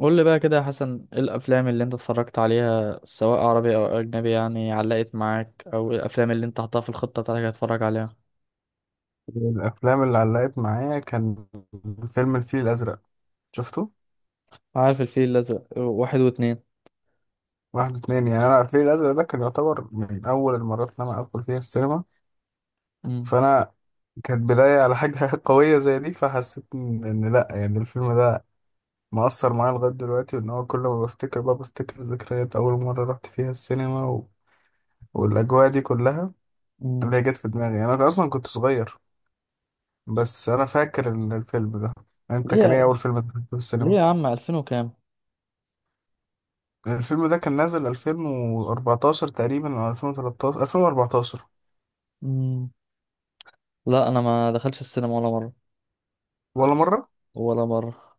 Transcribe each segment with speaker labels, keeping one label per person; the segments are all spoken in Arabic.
Speaker 1: قول لي بقى كده يا حسن، ايه الافلام اللي انت اتفرجت عليها سواء عربي او اجنبي يعني علقت معاك؟ او إيه الافلام اللي انت حطها في الخطة بتاعتك هتتفرج عليها؟
Speaker 2: الأفلام اللي علقت معايا كان فيلم الفيل الأزرق. شفته؟
Speaker 1: عارف الفيل الازرق، آه، واحد واتنين.
Speaker 2: واحد واتنين، يعني أنا الفيل الأزرق ده كان يعتبر من أول المرات اللي أنا أدخل فيها السينما.
Speaker 1: امم
Speaker 2: فأنا كانت بداية على حاجة قوية زي دي، فحسيت إن لأ، يعني الفيلم ده مؤثر معايا لغاية دلوقتي، وإن هو كل ما بفتكر بقى بفتكر ذكريات أول مرة رحت فيها السينما والأجواء دي كلها
Speaker 1: امم
Speaker 2: اللي هي جت في دماغي. يعني أنا أصلا كنت صغير، بس أنا فاكر الفيلم ده. أنت كان إيه
Speaker 1: ليه،
Speaker 2: أول فيلم دخلته في
Speaker 1: ليه
Speaker 2: السينما؟
Speaker 1: يا عم؟ 2000 وكام؟
Speaker 2: الفيلم ده كان نازل 2014 تقريبا، او 2013 2014.
Speaker 1: امم لا، انا ما دخلش السينما ولا مرة.
Speaker 2: ولا مرة؟
Speaker 1: ولا مرة.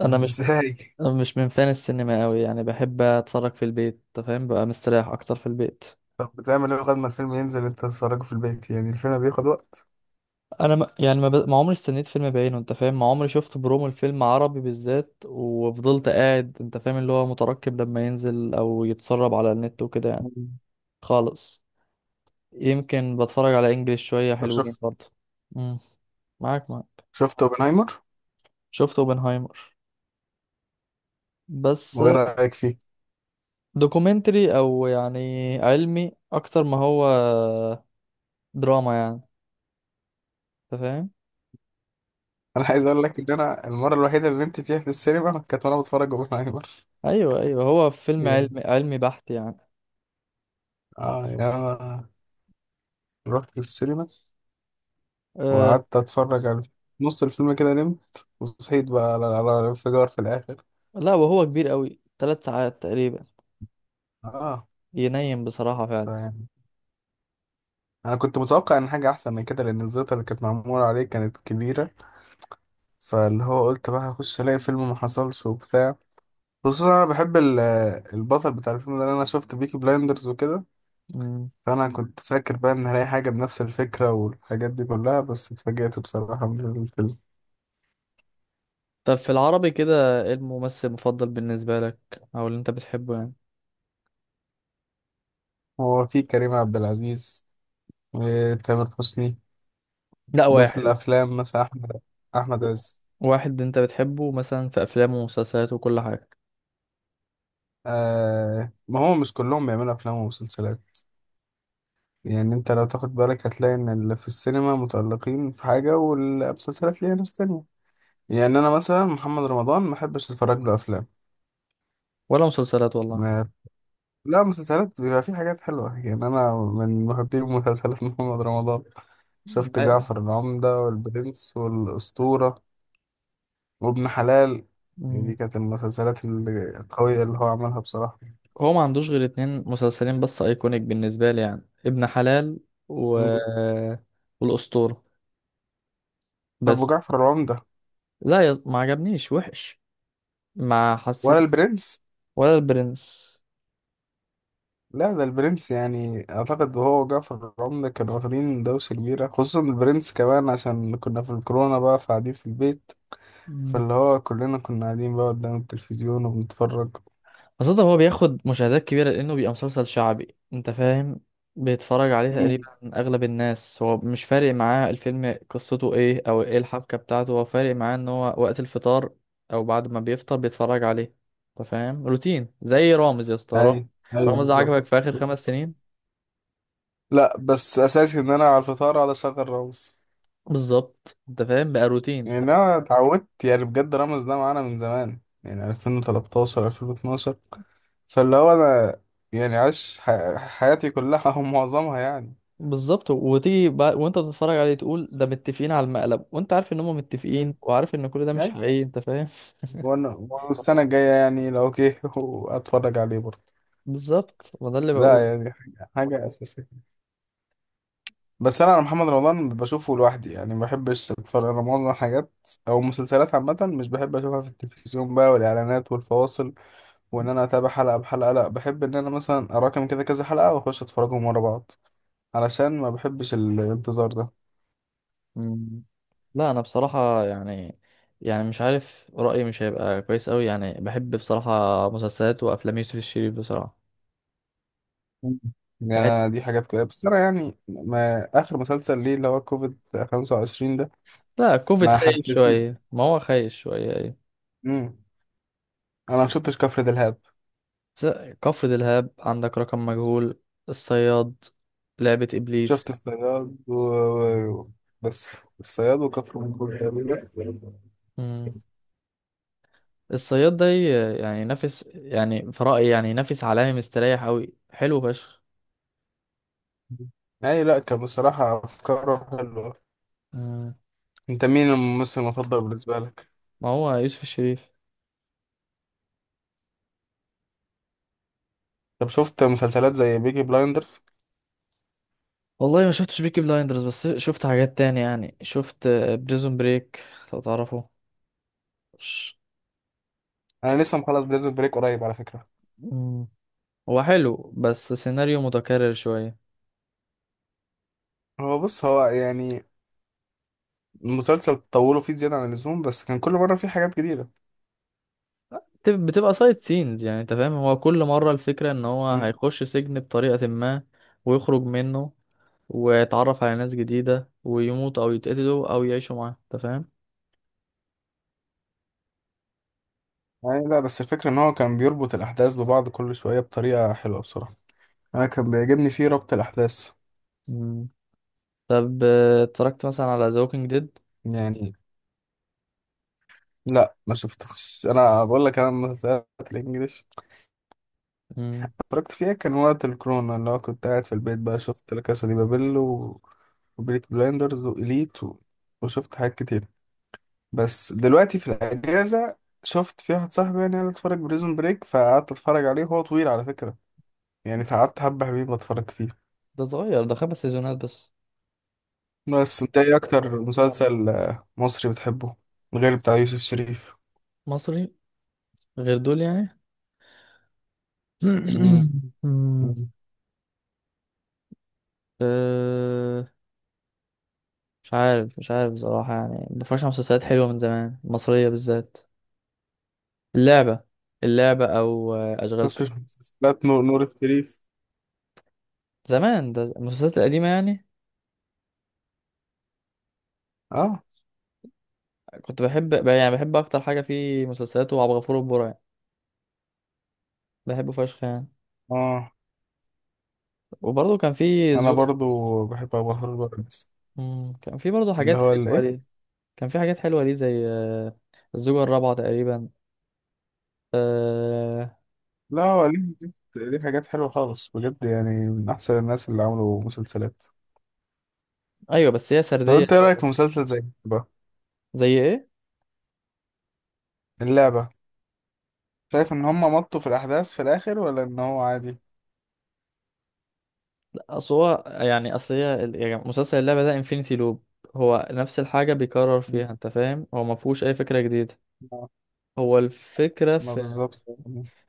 Speaker 1: انا مش
Speaker 2: ازاي؟
Speaker 1: مش من فان السينما قوي، يعني بحب اتفرج في البيت. أنت فاهم بقى، مستريح اكتر في البيت.
Speaker 2: طب بتعمل ايه لغاية ما الفيلم ينزل انت تتفرجه في البيت؟ يعني الفيلم بياخد وقت.
Speaker 1: انا ما يعني ما, ب... ما عمري استنيت فيلم بعينه، انت فاهم، ما عمري شفت برومو الفيلم عربي بالذات وفضلت قاعد انت فاهم اللي هو مترقب لما ينزل او يتسرب على النت وكده يعني.
Speaker 2: مم.
Speaker 1: خالص. يمكن بتفرج على انجليش شوية
Speaker 2: طب
Speaker 1: حلوين
Speaker 2: شفت،
Speaker 1: برضه. امم معاك، معاك.
Speaker 2: شفت اوبنهايمر؟
Speaker 1: شفت اوبنهايمر، بس.
Speaker 2: وايه رأيك فيه؟
Speaker 1: دوكيومنتري او يعني علمي اكتر، ما هو دراما يعني، انت فاهم.
Speaker 2: انا عايز اقول لك ان انا المرة الوحيدة اللي نمت فيها في السينما كانت وانا بتفرج اوبنهايمر.
Speaker 1: ايوه، ايوه، هو فيلم
Speaker 2: يعني
Speaker 1: علمي، علمي بحت يعني.
Speaker 2: اه، يعني انا رحت السينما
Speaker 1: أه.
Speaker 2: وقعدت اتفرج على نص الفيلم، كده نمت وصحيت بقى على الانفجار في الاخر.
Speaker 1: لا، وهو كبير قوي، ثلاث ساعات تقريبا.
Speaker 2: اه،
Speaker 1: ينيم بصراحة فعلا.
Speaker 2: انا كنت متوقع ان حاجه احسن من كده، لان الزيطه اللي كانت معموله عليه كانت كبيره، فاللي هو قلت بقى هخش الاقي فيلم، ما حصلش وبتاع. خصوصا انا بحب البطل بتاع الفيلم ده، لأن انا شفت بيكي بلايندرز وكده.
Speaker 1: مم.
Speaker 2: فانا كنت فاكر بقى ان هلاقي حاجه بنفس الفكره والحاجات دي كلها، بس اتفاجئت بصراحه من الفيلم.
Speaker 1: طب في العربي كده، ايه الممثل المفضل بالنسبة لك، او اللي انت بتحبه يعني؟
Speaker 2: هو فيه كريم عبد العزيز وتامر حسني.
Speaker 1: لا،
Speaker 2: دول في
Speaker 1: واحد.
Speaker 2: الافلام، مثلا احمد، احمد عز.
Speaker 1: واحد انت بتحبه مثلا في افلامه ومسلسلاته وكل حاجة.
Speaker 2: آه ما هو مش كلهم بيعملوا افلام ومسلسلات، يعني انت لو تاخد بالك هتلاقي ان اللي في السينما متألقين في حاجة والمسلسلات ليها ناس تانية. يعني انا مثلا محمد رمضان ما بحبش اتفرج له افلام.
Speaker 1: ولا مسلسلات والله.
Speaker 2: ما- لا مسلسلات بيبقى فيه حاجات حلوة، يعني انا من محبي مسلسلات محمد رمضان. شفت
Speaker 1: أي-
Speaker 2: جعفر العمدة والبرنس والأسطورة وابن حلال. دي
Speaker 1: مم.
Speaker 2: كانت المسلسلات القوية اللي هو عملها بصراحة.
Speaker 1: هو ما عندوش غير اتنين مسلسلين بس ايكونيك بالنسبة لي، يعني ابن حلال و...
Speaker 2: مم.
Speaker 1: والاسطورة،
Speaker 2: طب
Speaker 1: بس.
Speaker 2: وجعفر العمدة؟
Speaker 1: لا ما عجبنيش وحش، ما
Speaker 2: ولا
Speaker 1: حسيته.
Speaker 2: البرنس؟
Speaker 1: ولا البرنس.
Speaker 2: لا ده البرنس، يعني اعتقد هو وجعفر العمدة كانوا واخدين دوشة كبيرة، خصوصا البرنس كمان عشان كنا في الكورونا بقى، فقاعدين في البيت، فاللي هو كلنا كنا قاعدين بقى قدام التلفزيون وبنتفرج.
Speaker 1: خاصة هو بياخد مشاهدات كبيرة لأنه بيبقى مسلسل شعبي، أنت فاهم، بيتفرج عليه
Speaker 2: مم.
Speaker 1: تقريبا أغلب الناس. هو مش فارق معاه الفيلم قصته إيه أو إيه الحبكة بتاعته، هو فارق معاه إن هو وقت الفطار أو بعد ما بيفطر بيتفرج عليه. أنت فاهم، روتين زي رامز، يا اسطى رامز.
Speaker 2: اي، ايوه
Speaker 1: رامز ده
Speaker 2: بالظبط.
Speaker 1: عجبك في آخر خمس
Speaker 2: بالظبط.
Speaker 1: سنين.
Speaker 2: لا بس اساسي ان انا على الفطار اقعد اشغل رامز.
Speaker 1: بالظبط. أنت فاهم بقى روتين.
Speaker 2: يعني انا اتعودت، يعني بجد رامز ده معانا من زمان، يعني 2013 2012. فاللي هو انا يعني عايش حياتي كلها او معظمها يعني.
Speaker 1: بالظبط، وتيجي بقى وانت بتتفرج عليه تقول ده متفقين على المقلب، وانت عارف ان هم متفقين
Speaker 2: مم.
Speaker 1: وعارف ان كل ده مش
Speaker 2: ايوه.
Speaker 1: حقيقي، انت فاهم.
Speaker 2: وانا السنة الجاية يعني لو اوكي واتفرج عليه برضه.
Speaker 1: بالظبط، ما ده اللي
Speaker 2: لا
Speaker 1: بقوله.
Speaker 2: يعني حاجة، حاجة أساسية. بس أنا على محمد رمضان بشوفه لوحدي، يعني ما بحبش أتفرج أنا معظم الحاجات أو المسلسلات عامة، مش بحب أشوفها في التلفزيون بقى والإعلانات والفواصل وإن أنا أتابع حلقة بحلقة. لا، بحب إن أنا مثلا أراكم كده كذا حلقة وأخش أتفرجهم ورا بعض، علشان ما بحبش الانتظار ده.
Speaker 1: مم. لا، انا بصراحه يعني مش عارف رايي مش هيبقى كويس قوي، يعني بحب بصراحه مسلسلات وافلام يوسف الشريف بصراحه.
Speaker 2: مم. يعني
Speaker 1: بحب-
Speaker 2: أنا دي حاجات كده، بس أنا يعني ما آخر مسلسل ليه اللي هو كوفيد 25 ده،
Speaker 1: لا، كوفيد
Speaker 2: ما
Speaker 1: خايف
Speaker 2: حسيتوش.
Speaker 1: شويه، ما هو خايف شويه، ايوه.
Speaker 2: انا ما شفتش كفر دلهاب.
Speaker 1: س- كفر دلهاب، عندك رقم مجهول، الصياد، لعبه ابليس.
Speaker 2: شفت الصياد و- بس الصياد وكفر منقول تقريبا.
Speaker 1: مم. الصياد ده يعني ينافس، يعني في رايي يعني ينافس عالمي، مستريح قوي، حلو فشخ.
Speaker 2: اي لا، كان بصراحة افكاره حلوة.
Speaker 1: مم.
Speaker 2: انت مين الممثل المفضل بالنسبة لك؟
Speaker 1: ما هو يوسف الشريف.
Speaker 2: طب شفت مسلسلات زي بيكي بلايندرز؟
Speaker 1: والله ما شفتش بيكي بلايندرز، بس شفت حاجات تانية، يعني شفت بريزون بريك لو تعرفه. ش-
Speaker 2: انا لسه مخلص بريزون بريك قريب على فكرة.
Speaker 1: مم. هو حلو بس سيناريو متكرر شوية.
Speaker 2: هو بص، هو يعني المسلسل طولوا فيه زيادة عن اللزوم، بس كان كل مرة فيه حاجات جديدة.
Speaker 1: بتبقى سايد سينز يعني، انت فاهم، هو كل مرة الفكرة ان هو
Speaker 2: مم.
Speaker 1: هيخش سجن بطريقة ما ويخرج منه ويتعرف على ناس جديدة ويموت او يتقتلوا او يعيشوا معاه، انت فاهم.
Speaker 2: يعني لا، بس الفكرة ان هو كان بيربط الاحداث ببعض كل شوية بطريقة حلوة بصراحة، انا كان بيعجبني فيه ربط الاحداث.
Speaker 1: مم. طب اتفرجت مثلا على ذا ووكينج ديد؟
Speaker 2: يعني لا ما شفتوش، انا بقول لك انا المسلسلات الانجليش اتفرجت فيها كان وقت الكورونا، اللي هو كنت قاعد في البيت بقى. شفت لا كاسا دي بابيل وبيليك بلايندرز وإليت وشفت حاجات كتير. بس دلوقتي في الاجازه شفت في واحد صاحبي يعني اللي اتفرج بريزون بريك، فقعدت اتفرج عليه. هو طويل على فكره يعني، فقعدت حبه حلوين بتفرج فيه.
Speaker 1: ده صغير، ده خمس سيزونات بس.
Speaker 2: بس انت ايه اكتر مسلسل آه، مصري بتحبه، غير بتاع يوسف شريف؟
Speaker 1: مصري، غير دول يعني.
Speaker 2: امم.
Speaker 1: أه. مش عارف، مش عارف بصراحة، يعني مبتفرجش على مسلسلات حلوة من زمان مصرية بالذات. اللعبة، اللعبة أو أشغال
Speaker 2: شفتش
Speaker 1: شقة.
Speaker 2: مسلسلات نور، الشريف؟
Speaker 1: زمان، ده المسلسلات القديمة يعني.
Speaker 2: اه.
Speaker 1: كنت بحب، يعني بحب أكتر حاجة في مسلسلات وعبد الغفور البرعي، يعني بحبه فشخ يعني.
Speaker 2: اه
Speaker 1: وبرضه كان في
Speaker 2: انا
Speaker 1: الزوجة.
Speaker 2: برضو بحب ابو الهول بقى بس.
Speaker 1: كان في برضه
Speaker 2: اللي
Speaker 1: حاجات
Speaker 2: هو
Speaker 1: حلوة
Speaker 2: الايه.
Speaker 1: ليه. كان في حاجات حلوة ليه زي الزوجة الرابعة تقريبا. أه.
Speaker 2: لا هو ليه، ليه حاجات حلوه خالص بجد، يعني من احسن الناس اللي عملوا مسلسلات.
Speaker 1: أيوة بس هي
Speaker 2: طب
Speaker 1: سردية
Speaker 2: انت ايه رايك في
Speaker 1: شوية.
Speaker 2: مسلسل زي اللعبه؟
Speaker 1: زي إيه؟
Speaker 2: اللعبه. شايف ان هم مطوا في الاحداث في الاخر ولا ان هو عادي؟
Speaker 1: اصل هو يعني، اصل هي يعني مسلسل اللعبة ده انفينيتي لوب، هو نفس الحاجة بيكرر
Speaker 2: مم.
Speaker 1: فيها انت فاهم، هو ما فيهوش اي فكرة جديدة.
Speaker 2: ما
Speaker 1: هو الفكرة
Speaker 2: ما
Speaker 1: في,
Speaker 2: بالظبط.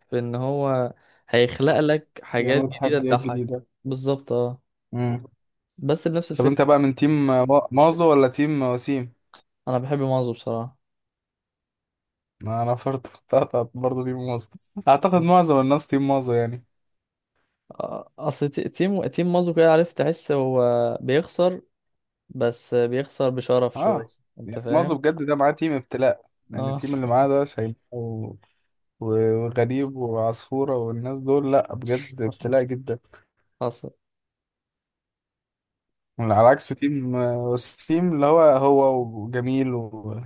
Speaker 1: في ان هو هيخلق لك حاجات
Speaker 2: يعملوا
Speaker 1: جديدة
Speaker 2: تحديات
Speaker 1: تضحك
Speaker 2: جديده.
Speaker 1: بالظبط، اه.
Speaker 2: مم.
Speaker 1: بس بنفس
Speaker 2: طب انت
Speaker 1: الفكرة.
Speaker 2: بقى من تيم مازو ولا تيم وسيم؟
Speaker 1: انا بحب مازو بصراحة.
Speaker 2: ما انا برضه برضه تيم مازو. اعتقد معظم الناس تيم مازو يعني.
Speaker 1: اصل تيم مازو كده، عارف، تحس هو بيخسر، بس بيخسر بشرف
Speaker 2: اه
Speaker 1: شوية، انت
Speaker 2: يعني معظم،
Speaker 1: فاهم.
Speaker 2: بجد ده معاه تيم ابتلاء. يعني
Speaker 1: اه.
Speaker 2: التيم اللي معاه ده شايب وغريب وعصفورة والناس دول، لا بجد ابتلاء جدا.
Speaker 1: حصل.
Speaker 2: على عكس تيم والتيم اللي هو هو وجميل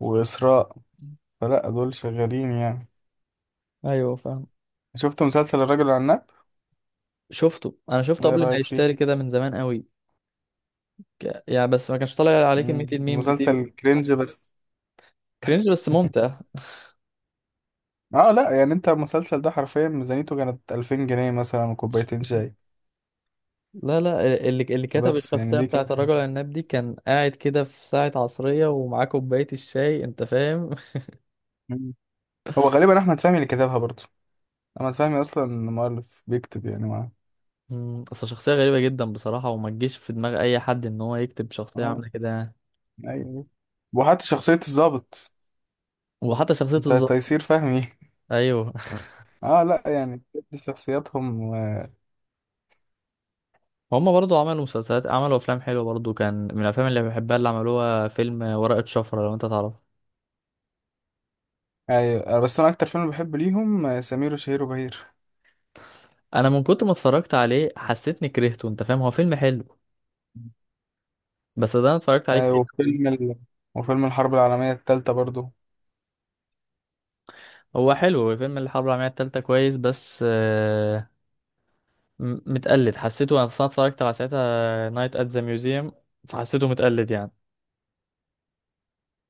Speaker 2: وإسراء، فلا دول شغالين يعني.
Speaker 1: ايوه فاهم.
Speaker 2: شفت مسلسل الراجل العناب؟
Speaker 1: شفته، انا شفته
Speaker 2: ايه
Speaker 1: قبل ما
Speaker 2: رأيك
Speaker 1: يشتري
Speaker 2: فيه؟
Speaker 1: كده، من زمان قوي. يعني بس ما كانش طالع عليه كمية
Speaker 2: مم.
Speaker 1: الميمز دي.
Speaker 2: مسلسل كرنج بس.
Speaker 1: كرينج بس ممتع.
Speaker 2: اه لا يعني انت المسلسل ده حرفيا ميزانيته كانت 2000 جنيه مثلا وكوبايتين شاي.
Speaker 1: لا، لا. اللي كتب
Speaker 2: بس يعني
Speaker 1: التغطية
Speaker 2: دي كانت.
Speaker 1: بتاعت الرجل العناب دي كان قاعد كده في ساعة عصرية ومعاه كوباية الشاي، انت فاهم.
Speaker 2: مم. هو غالبا احمد فهمي اللي كتبها برضه، انا فاهمي اصلا إن المؤلف بيكتب يعني معاه.
Speaker 1: اصل شخصية غريبة جدا بصراحة، وما تجيش في دماغ اي حد ان هو يكتب شخصية
Speaker 2: اه،
Speaker 1: عاملة كده يعني.
Speaker 2: ايوه. وحتى شخصية الضابط،
Speaker 1: وحتى شخصية
Speaker 2: انت
Speaker 1: الظابط.
Speaker 2: تيسير فهمي.
Speaker 1: ايوه.
Speaker 2: اه لا يعني بجد شخصياتهم آه،
Speaker 1: هما برضو عملوا مسلسلات، عملوا افلام حلوة برضو. كان من الافلام اللي بحبها اللي عملوها فيلم ورقة شفرة، لو انت تعرف.
Speaker 2: ايوه. آه، بس انا اكتر فيلم بحب ليهم آه، سمير وشهير وبهير.
Speaker 1: انا من كنت ما اتفرجت عليه حسيتني كرهته، انت فاهم، هو فيلم حلو بس. ده انا اتفرجت عليه
Speaker 2: آه،
Speaker 1: كتير.
Speaker 2: وفيلم الحرب العالمية التالتة برضو.
Speaker 1: هو حلو فيلم الحرب العالمية التالتة، كويس، بس متقلد. حسيته انا أصلاً اتفرجت على ساعتها نايت ات ذا ميوزيوم، فحسيته متقلد يعني.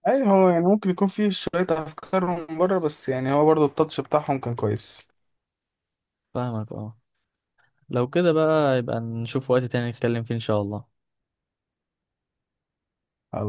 Speaker 2: ايوه هو يعني ممكن يكون فيه شوية افكار من بره، بس يعني هو برضو التاتش بتاعهم كان كويس.
Speaker 1: فاهمك اه. لو كده بقى يبقى نشوف وقت تاني نتكلم فيه ان شاء الله.